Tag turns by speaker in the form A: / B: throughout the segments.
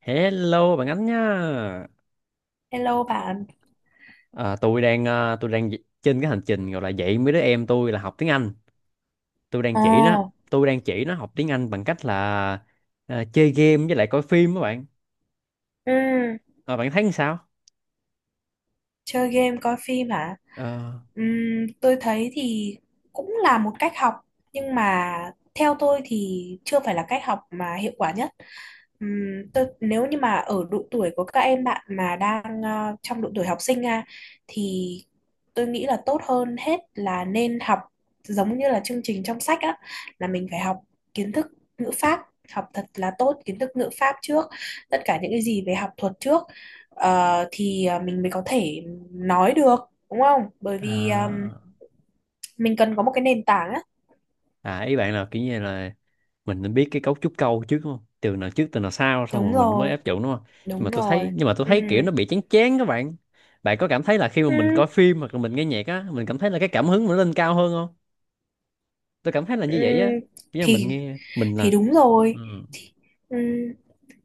A: Hello bạn Ánh nhá.
B: Hello bạn.
A: Tôi đang trên cái hành trình gọi là dạy mấy đứa em tôi là học tiếng Anh. Tôi đang
B: Ồ.
A: chỉ nó, tôi đang chỉ nó học tiếng Anh bằng cách là chơi game với lại coi phim các bạn.
B: Ừ.
A: À, bạn thấy sao?
B: Chơi game coi phim hả?
A: Ờ,
B: Tôi thấy thì cũng là một cách học, nhưng mà theo tôi thì chưa phải là cách học mà hiệu quả nhất. Tôi nếu như mà ở độ tuổi của các em bạn mà đang trong độ tuổi học sinh à, thì tôi nghĩ là tốt hơn hết là nên học giống như là chương trình trong sách á, là mình phải học kiến thức ngữ pháp, học thật là tốt kiến thức ngữ pháp trước, tất cả những cái gì về học thuật trước. Thì mình mới có thể nói được, đúng không? Bởi vì
A: à,
B: mình cần có một cái nền tảng á.
A: ý bạn là kiểu như là mình nên biết cái cấu trúc câu trước đúng không? Từ nào trước từ nào sau xong
B: Đúng
A: rồi mình mới
B: rồi.
A: áp dụng đúng không? Nhưng mà
B: Đúng
A: tôi thấy
B: rồi.
A: nhưng mà tôi
B: Ừ.
A: thấy kiểu nó bị chán chán các bạn. Bạn có cảm thấy là khi mà
B: Ừ.
A: mình coi phim hoặc là mình nghe nhạc á, mình cảm thấy là cái cảm hứng mình nó lên cao hơn không? Tôi cảm thấy là
B: Ừ.
A: như vậy á, nhưng mà mình
B: thì
A: nghe mình là
B: thì đúng
A: ừ,
B: rồi. Ừ.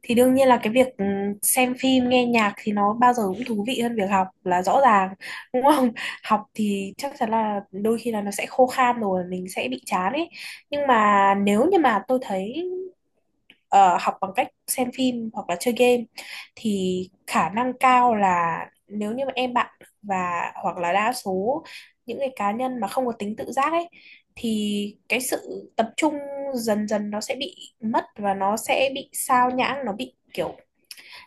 B: Thì đương nhiên là cái việc xem phim nghe nhạc thì nó bao giờ cũng thú vị hơn việc học, là rõ ràng, đúng không? Học thì chắc chắn là đôi khi là nó sẽ khô khan, rồi mình sẽ bị chán ấy. Nhưng mà nếu như mà tôi thấy ờ, học bằng cách xem phim hoặc là chơi game thì khả năng cao là, nếu như mà em bạn và hoặc là đa số những cái cá nhân mà không có tính tự giác ấy, thì cái sự tập trung dần dần nó sẽ bị mất, và nó sẽ bị sao nhãng, nó bị kiểu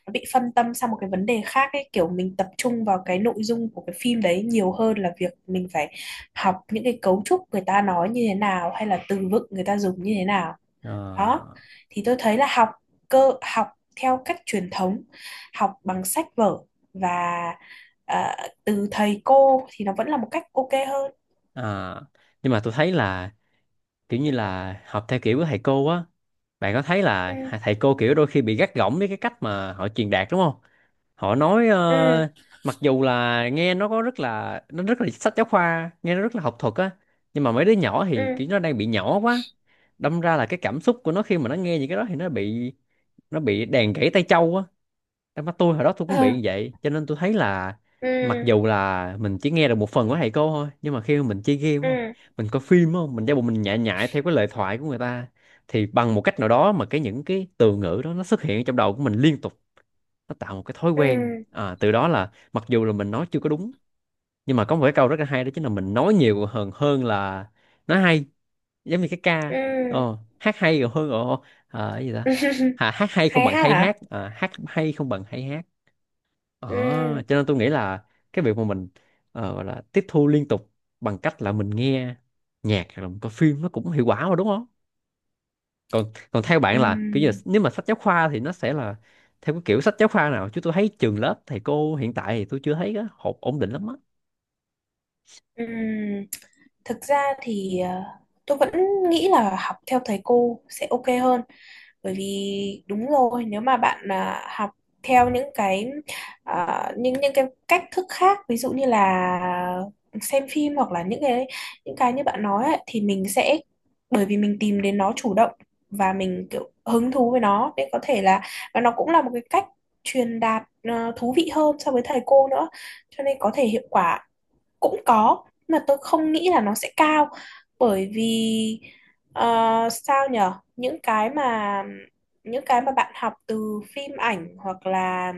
B: nó bị phân tâm sang một cái vấn đề khác ấy, kiểu mình tập trung vào cái nội dung của cái phim đấy nhiều hơn là việc mình phải học những cái cấu trúc người ta nói như thế nào, hay là từ vựng người ta dùng như thế nào.
A: ờ,
B: Đó thì tôi thấy là học cơ học, theo cách truyền thống, học bằng sách vở và ờ, từ thầy cô thì nó vẫn là một cách ok hơn.
A: à. Nhưng mà tôi thấy là kiểu như là học theo kiểu của thầy cô á, bạn có thấy là
B: Ừ.
A: thầy cô kiểu đôi khi bị gắt gỏng với cái cách mà họ truyền đạt đúng không? Họ nói
B: Ừ.
A: mặc dù là nghe nó có rất là nó rất là sách giáo khoa, nghe nó rất là học thuật á, nhưng mà mấy đứa nhỏ thì
B: Ừ.
A: kiểu nó đang bị nhỏ quá, đâm ra là cái cảm xúc của nó khi mà nó nghe những cái đó thì nó bị đàn gãy tay châu á. Em mắt tôi hồi đó tôi cũng
B: Ừ.
A: bị như vậy, cho nên tôi thấy là mặc dù là mình chỉ nghe được một phần của thầy cô thôi, nhưng mà khi mà mình chơi game đúng
B: Ừ.
A: không,
B: Ừ.
A: mình coi phim đúng không, mình giả bộ mình nhại nhại theo cái lời thoại của người ta, thì bằng một cách nào đó mà cái những cái từ ngữ đó nó xuất hiện trong đầu của mình liên tục, nó tạo một cái thói quen.
B: Ừ.
A: Từ đó là mặc dù là mình nói chưa có đúng, nhưng mà có một cái câu rất là hay, đó chính là mình nói nhiều hơn hơn là nói hay, giống như cái ca
B: Ừ.
A: hát hay còn hơn cái gì
B: Ừ.
A: ta, hát hay không
B: Hay
A: bằng
B: hát
A: hay
B: hả?
A: hát, hát hay không bằng hay hát. Ờ,
B: Ừ.
A: cho nên tôi nghĩ là cái việc mà mình gọi là tiếp thu liên tục bằng cách là mình nghe nhạc hoặc là mình coi phim nó cũng hiệu quả mà đúng không? Còn còn theo bạn là kiểu như là,
B: Ừ.
A: nếu mà sách giáo khoa thì nó sẽ là theo cái kiểu sách giáo khoa nào? Chứ tôi thấy trường lớp thầy cô hiện tại thì tôi chưa thấy cái hộp ổn định lắm á.
B: Ừ. Thực ra thì tôi vẫn nghĩ là học theo thầy cô sẽ ok hơn, bởi vì đúng rồi, nếu mà bạn học theo những cái cách thức khác, ví dụ như là xem phim, hoặc là những cái như bạn nói ấy, thì mình sẽ, bởi vì mình tìm đến nó chủ động và mình kiểu hứng thú với nó, nên có thể là, và nó cũng là một cái cách truyền đạt thú vị hơn so với thầy cô nữa, cho nên có thể hiệu quả cũng có, mà tôi không nghĩ là nó sẽ cao. Bởi vì ờ, sao nhở, những cái mà bạn học từ phim ảnh,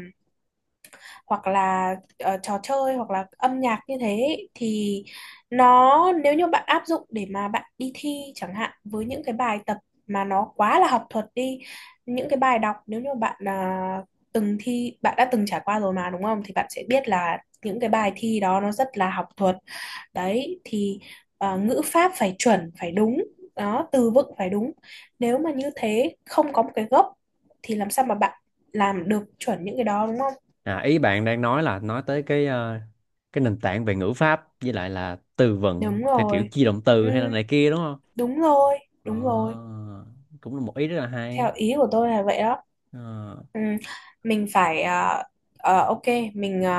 B: hoặc là trò chơi, hoặc là âm nhạc như thế ấy, thì nó nếu như bạn áp dụng để mà bạn đi thi chẳng hạn, với những cái bài tập mà nó quá là học thuật đi, những cái bài đọc, nếu như bạn từng thi, bạn đã từng trải qua rồi mà đúng không, thì bạn sẽ biết là những cái bài thi đó nó rất là học thuật đấy. Thì ngữ pháp phải chuẩn phải đúng, đó, từ vựng phải đúng. Nếu mà như thế không có một cái gốc thì làm sao mà bạn làm được chuẩn những cái đó, đúng không?
A: À, ý bạn đang nói là nói tới cái cái nền tảng về ngữ pháp với lại là từ vựng
B: Đúng
A: theo kiểu
B: rồi.
A: chia động
B: Ừ,
A: từ hay là này kia đúng không?
B: đúng rồi,
A: Ờ,
B: đúng rồi,
A: cũng là một ý rất là
B: theo
A: hay.
B: ý của tôi là vậy đó.
A: Ờ.
B: Ừ, mình phải ok, mình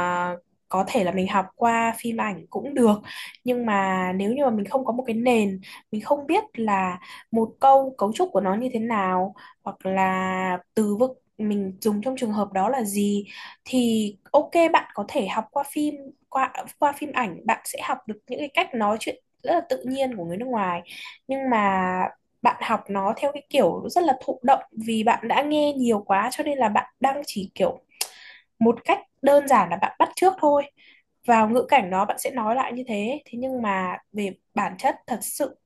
B: có thể là mình học qua phim ảnh cũng được, nhưng mà nếu như mà mình không có một cái nền, mình không biết là một câu cấu trúc của nó như thế nào, hoặc là từ vựng mình dùng trong trường hợp đó là gì, thì ok bạn có thể học qua phim, qua qua phim ảnh bạn sẽ học được những cái cách nói chuyện rất là tự nhiên của người nước ngoài. Nhưng mà bạn học nó theo cái kiểu rất là thụ động, vì bạn đã nghe nhiều quá, cho nên là bạn đang chỉ kiểu một cách đơn giản là bạn bắt chước thôi, vào ngữ cảnh nó bạn sẽ nói lại như thế, thế nhưng mà về bản chất thật sự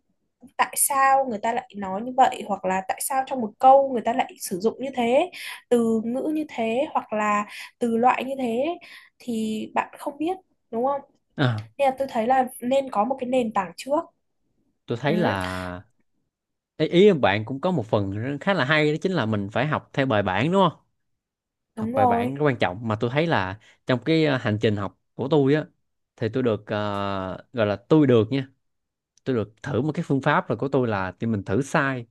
B: tại sao người ta lại nói như vậy, hoặc là tại sao trong một câu người ta lại sử dụng như thế, từ ngữ như thế hoặc là từ loại như thế, thì bạn không biết, đúng không?
A: À,
B: Nên là tôi thấy là nên có một cái nền tảng trước.
A: tôi thấy là
B: Ừ,
A: ý em bạn cũng có một phần khá là hay, đó chính là mình phải học theo bài bản đúng không? Học
B: đúng
A: bài bản
B: rồi.
A: rất quan trọng mà tôi thấy là trong cái hành trình học của tôi á, thì tôi được ờ, gọi là tôi được nha, tôi được thử một cái phương pháp rồi của tôi là thì mình thử sai,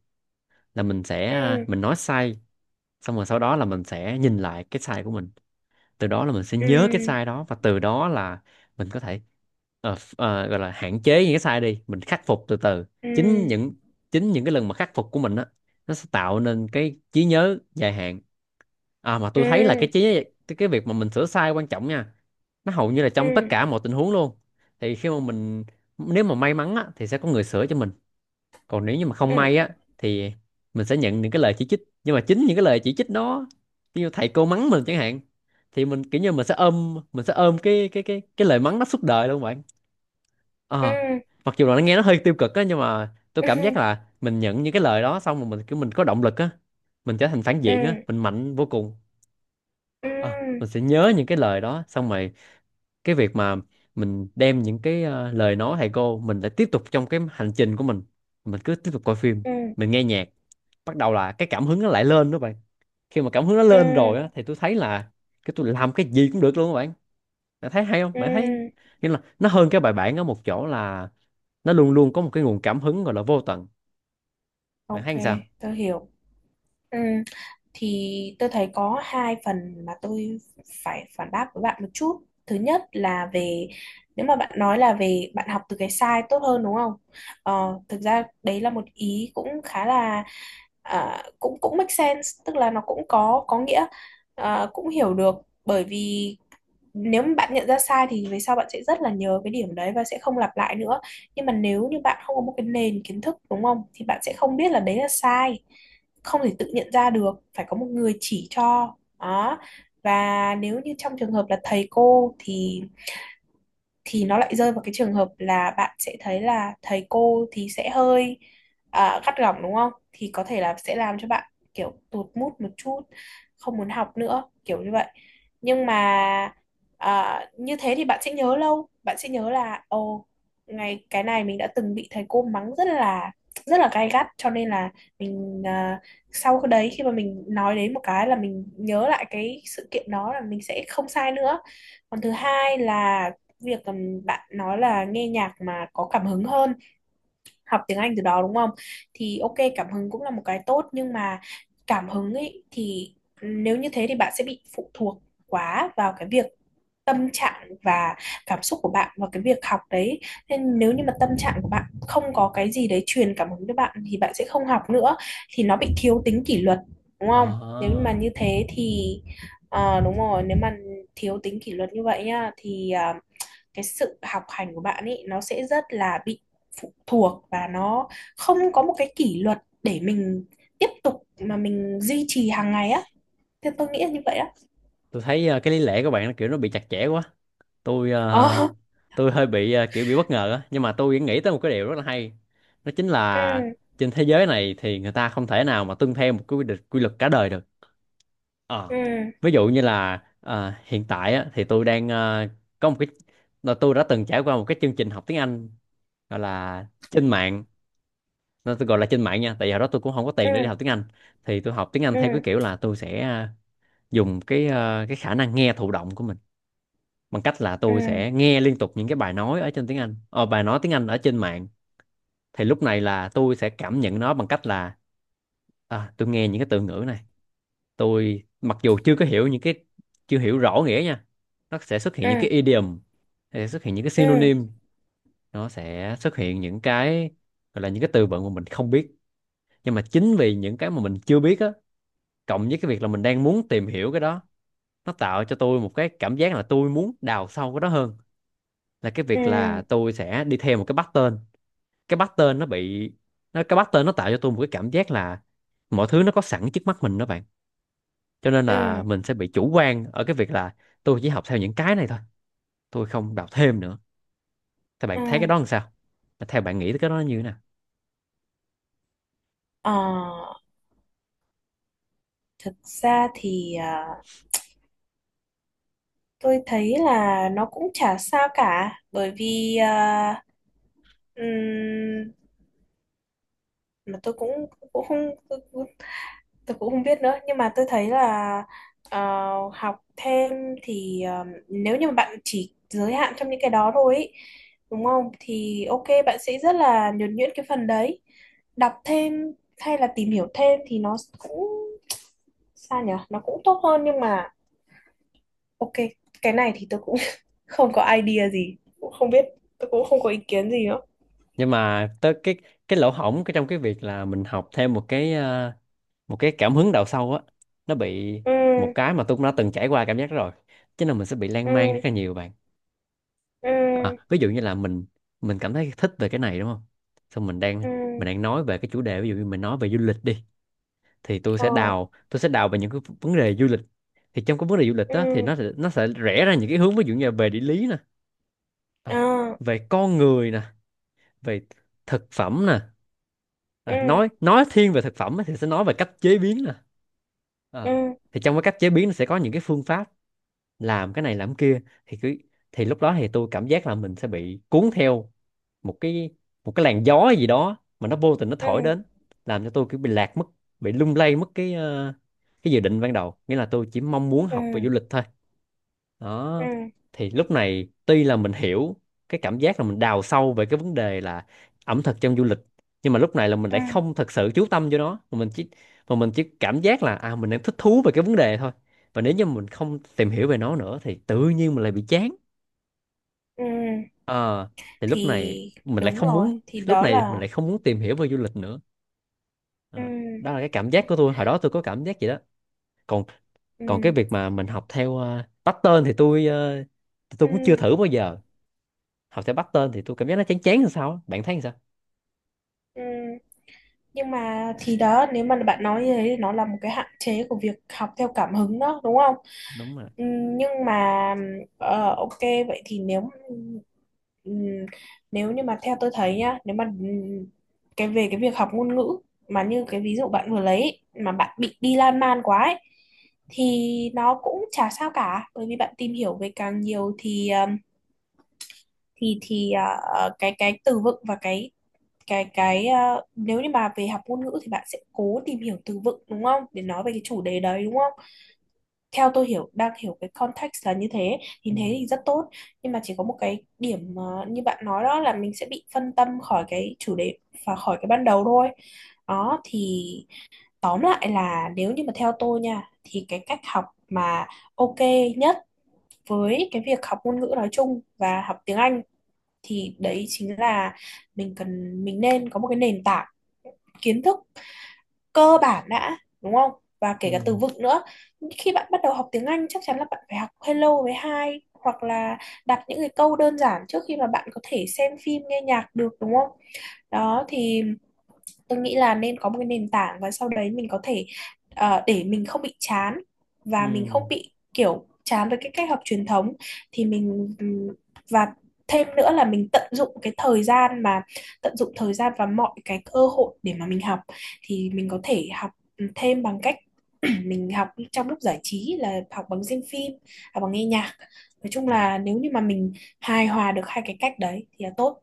A: là mình sẽ
B: Ừ.
A: mình nói sai, xong rồi sau đó là mình sẽ nhìn lại cái sai của mình, từ đó là mình sẽ
B: Ừ.
A: nhớ cái sai đó và từ đó là mình có thể gọi là hạn chế những cái sai đi, mình khắc phục từ từ.
B: Ừ.
A: Chính những chính những cái lần mà khắc phục của mình á, nó sẽ tạo nên cái trí nhớ dài hạn. À mà tôi thấy là cái
B: Ừ.
A: trí cái việc mà mình sửa sai quan trọng nha, nó hầu như là
B: Ừ.
A: trong tất cả mọi tình huống luôn. Thì khi mà mình, nếu mà may mắn á, thì sẽ có người sửa cho mình, còn nếu như mà không
B: Ừ.
A: may á, thì mình sẽ nhận những cái lời chỉ trích, nhưng mà chính những cái lời chỉ trích đó, như thầy cô mắng mình chẳng hạn, thì mình kiểu như mình sẽ ôm cái lời mắng đó suốt đời luôn bạn. Ờ,
B: Ừ.
A: mặc dù là nó nghe nó hơi tiêu cực á, nhưng mà tôi
B: Ừ.
A: cảm
B: Ừ.
A: giác là mình nhận những cái lời đó xong rồi mình kiểu mình có động lực á, mình trở thành phản
B: Ừ.
A: diện á, mình mạnh vô cùng. Ờ, mình sẽ nhớ những cái lời đó xong rồi, cái việc mà mình đem những cái lời nói thầy cô mình lại tiếp tục trong cái hành trình của mình cứ tiếp tục coi phim,
B: Ừ.
A: mình nghe nhạc, bắt đầu là cái cảm hứng nó lại lên đó bạn. Khi mà cảm hứng nó
B: Ừ.
A: lên rồi á thì tôi thấy là cái tôi làm cái gì cũng được luôn các bạn. Bạn thấy hay không,
B: Ừ.
A: bạn thấy nghĩa là nó hơn cái bài bản ở một chỗ là nó luôn luôn có một cái nguồn cảm hứng gọi là vô tận. Bạn
B: OK
A: thấy làm sao?
B: tôi hiểu. Ừ. Thì tôi thấy có hai phần mà tôi phải phản bác với bạn một chút. Thứ nhất là về, nếu mà bạn nói là về bạn học từ cái sai tốt hơn, đúng không, thực ra đấy là một ý cũng khá là, cũng cũng make sense, tức là nó cũng có nghĩa, cũng hiểu được, bởi vì nếu mà bạn nhận ra sai thì về sau bạn sẽ rất là nhớ cái điểm đấy và sẽ không lặp lại nữa. Nhưng mà nếu như bạn không có một cái nền kiến thức, đúng không, thì bạn sẽ không biết là đấy là sai, không thể tự nhận ra được, phải có một người chỉ cho. Đó, và nếu như trong trường hợp là thầy cô, thì nó lại rơi vào cái trường hợp là bạn sẽ thấy là thầy cô thì sẽ hơi gắt gỏng, đúng không? Thì có thể là sẽ làm cho bạn kiểu tụt mood một chút, không muốn học nữa, kiểu như vậy. Nhưng mà như thế thì bạn sẽ nhớ lâu, bạn sẽ nhớ là ồ, ngày cái này mình đã từng bị thầy cô mắng rất là gay gắt, cho nên là mình sau cái đấy, khi mà mình nói đến một cái là mình nhớ lại cái sự kiện đó, là mình sẽ không sai nữa. Còn thứ hai là việc, bạn nói là nghe nhạc mà có cảm hứng hơn học tiếng Anh từ đó, đúng không, thì ok cảm hứng cũng là một cái tốt, nhưng mà cảm hứng ấy thì, nếu như thế thì bạn sẽ bị phụ thuộc quá vào cái việc tâm trạng và cảm xúc của bạn và cái việc học đấy, nên nếu như mà tâm trạng của bạn không có cái gì đấy truyền cảm hứng cho bạn thì bạn sẽ không học nữa, thì nó bị thiếu tính kỷ luật, đúng
A: Ờ,
B: không? Nếu mà như thế thì đúng rồi, nếu mà thiếu tính kỷ luật như vậy nhá, thì cái sự học hành của bạn ấy nó sẽ rất là bị phụ thuộc, và nó không có một cái kỷ luật để mình tiếp tục mà mình duy trì hàng ngày á. Thì tôi nghĩ là như vậy á.
A: tôi thấy cái lý lẽ của bạn nó kiểu nó bị chặt chẽ quá. tôi ờ,
B: Ờ.
A: tôi hơi bị kiểu bị bất ngờ á, nhưng mà tôi nghĩ tới một cái điều rất là hay, đó chính
B: Ừ.
A: là trên thế giới này thì người ta không thể nào mà tuân theo một cái quy định quy luật cả đời được. Ờ.
B: Ừ.
A: Ví dụ như là hiện tại á, thì tôi đang có một cái là tôi đã từng trải qua một cái chương trình học tiếng Anh gọi là trên mạng, nó tôi gọi là trên mạng nha, tại vì hồi đó tôi cũng không có tiền để đi
B: Ừ.
A: học tiếng Anh. Thì tôi học tiếng Anh theo cái
B: Ừ.
A: kiểu là tôi sẽ dùng cái cái khả năng nghe thụ động của mình, bằng cách là tôi
B: Ừ.
A: sẽ nghe liên tục những cái bài nói ở trên tiếng Anh, bài nói tiếng Anh ở trên mạng. Thì lúc này là tôi sẽ cảm nhận nó bằng cách là à, tôi nghe những cái từ ngữ này, tôi mặc dù chưa có hiểu những cái, chưa hiểu rõ nghĩa nha, nó sẽ xuất hiện những
B: Ừ.
A: cái idiom, nó sẽ xuất hiện những cái
B: Ừ.
A: synonym, nó sẽ xuất hiện những cái gọi là những cái từ vựng mà mình không biết, nhưng mà chính vì những cái mà mình chưa biết á, cộng với cái việc là mình đang muốn tìm hiểu cái đó, nó tạo cho tôi một cái cảm giác là tôi muốn đào sâu cái đó hơn là cái
B: Ừ.
A: việc là tôi sẽ đi theo một cái pattern. Cái pattern nó bị nó Cái pattern nó tạo cho tôi một cái cảm giác là mọi thứ nó có sẵn trước mắt mình đó bạn, cho nên
B: Ừ.
A: là mình sẽ bị chủ quan ở cái việc là tôi chỉ học theo những cái này thôi, tôi không đọc thêm nữa. Thì bạn
B: Ừ.
A: thấy cái đó làm sao, theo bạn nghĩ tới cái đó nó như thế nào?
B: Ờ. Thực ra thì tôi thấy là nó cũng chả sao cả, bởi vì ừm, mà tôi cũng cũng không, tôi, tôi cũng không biết nữa. Nhưng mà tôi thấy là ờ, học thêm thì nếu như mà bạn chỉ giới hạn trong những cái đó thôi ý, đúng không, thì ok bạn sẽ rất là nhuần nhuyễn cái phần đấy. Đọc thêm hay là tìm hiểu thêm thì nó cũng sao nhở, nó cũng tốt hơn, nhưng mà ok, cái này thì tôi cũng không có idea gì, cũng không biết, tôi cũng không có ý kiến gì nữa.
A: Nhưng mà tới cái lỗ hổng cái trong cái việc là mình học thêm một cái một cái cảm hứng đào sâu á, nó bị
B: Ừ.
A: một cái mà tôi cũng đã từng trải qua cảm giác đó rồi, chứ là mình sẽ bị
B: Ừ.
A: lan man rất là nhiều bạn.
B: Ừ.
A: À, ví dụ như là mình cảm thấy thích về cái này đúng không, xong mình đang
B: Ừ.
A: mình đang nói về cái chủ đề, ví dụ như mình nói về du lịch đi, thì tôi
B: Ờ.
A: sẽ đào tôi sẽ đào về những cái vấn đề du lịch. Thì trong cái vấn đề du lịch đó thì
B: Ừ.
A: nó sẽ rẽ ra những cái hướng, ví dụ như là về địa lý nè,
B: Ờ.
A: à, về con người nè, về thực phẩm nè, à,
B: Ừ.
A: nói thiên về thực phẩm á, thì sẽ nói về cách chế biến nè.
B: Ừ.
A: Ờ. Thì trong cái cách chế biến nó sẽ có những cái phương pháp làm cái này làm cái kia, thì cứ, thì lúc đó thì tôi cảm giác là mình sẽ bị cuốn theo một cái, một cái làn gió gì đó mà nó vô tình nó thổi
B: Ừ.
A: đến, làm cho tôi kiểu bị lạc mất, bị lung lay mất cái cái dự định ban đầu, nghĩa là tôi chỉ mong muốn
B: Ừ.
A: học về du lịch thôi. Đó.
B: Ừ.
A: Thì lúc này tuy là mình hiểu cái cảm giác là mình đào sâu về cái vấn đề là ẩm thực trong du lịch, nhưng mà lúc này là mình
B: Ừ.
A: lại không thật sự chú tâm vô nó, mà mình chỉ cảm giác là à mình đang thích thú về cái vấn đề thôi, và nếu như mình không tìm hiểu về nó nữa thì tự nhiên mình lại bị chán.
B: Ừ.
A: Ờ, thì lúc này
B: Thì
A: mình lại
B: đúng
A: không
B: rồi,
A: muốn
B: thì
A: lúc
B: đó
A: này mình
B: là.
A: lại không muốn tìm hiểu về du lịch nữa. Ờ,
B: Ừ.
A: đó là cái cảm giác của tôi hồi đó, tôi có cảm giác vậy đó. Còn còn cái
B: Ừ.
A: việc mà mình học theo pattern thì tôi
B: Ừ.
A: cũng chưa thử bao giờ. Học theo pattern thì tôi cảm giác nó chán chán làm sao á. Bạn thấy làm sao?
B: Ừ. Nhưng mà thì đó, nếu mà bạn nói như thế thì nó là một cái hạn chế của việc học theo cảm hứng đó, đúng không?
A: Đúng rồi.
B: Nhưng mà ok, vậy thì nếu ừm, nếu như mà theo tôi thấy nhá, nếu mà cái về cái việc học ngôn ngữ mà như cái ví dụ bạn vừa lấy ấy, mà bạn bị đi lan man quá ấy, thì nó cũng chả sao cả, bởi vì bạn tìm hiểu về càng nhiều thì, thì cái từ vựng và nếu như mà về học ngôn ngữ thì bạn sẽ cố tìm hiểu từ vựng, đúng không, để nói về cái chủ đề đấy, đúng không, theo tôi hiểu đang hiểu cái context là như thế, thì
A: Ừ.
B: thế thì rất tốt. Nhưng mà chỉ có một cái điểm, như bạn nói, đó là mình sẽ bị phân tâm khỏi cái chủ đề và khỏi cái ban đầu thôi. Đó thì tóm lại là, nếu như mà theo tôi nha, thì cái cách học mà ok nhất với cái việc học ngôn ngữ nói chung và học tiếng Anh, thì đấy chính là mình cần, mình nên có một cái nền tảng kiến thức cơ bản đã, đúng không, và kể
A: Ừ.
B: cả từ vựng nữa. Khi bạn bắt đầu học tiếng Anh chắc chắn là bạn phải học hello với hi, hoặc là đặt những cái câu đơn giản trước khi mà bạn có thể xem phim nghe nhạc được, đúng không? Đó thì tôi nghĩ là nên có một cái nền tảng, và sau đấy mình có thể để mình không bị chán,
A: Ừ.
B: và mình không bị kiểu chán với cái cách học truyền thống, thì mình, và thêm nữa là mình tận dụng cái thời gian, mà tận dụng thời gian và mọi cái cơ hội để mà mình học, thì mình có thể học thêm bằng cách mình học trong lúc giải trí, là học bằng xem phim, học bằng nghe nhạc. Nói chung
A: Ừ.
B: là nếu như mà mình hài hòa được hai cái cách đấy thì là tốt,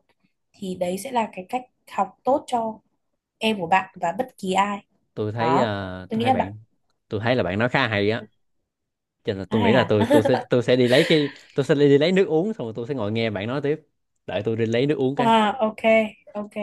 B: thì đấy sẽ là cái cách học tốt cho em của bạn và bất kỳ ai.
A: Tôi thấy
B: Đó,
A: ờ,
B: tôi
A: tôi
B: nghĩ
A: thấy
B: là bạn
A: bạn tôi thấy là bạn nói khá hay á, cho nên là tôi nghĩ
B: hay
A: là
B: hả?
A: tôi tôi sẽ tôi sẽ đi lấy cái, tôi sẽ đi lấy nước uống xong rồi tôi sẽ ngồi nghe bạn nói tiếp. Đợi tôi đi lấy nước uống cái.
B: À, ok. OK.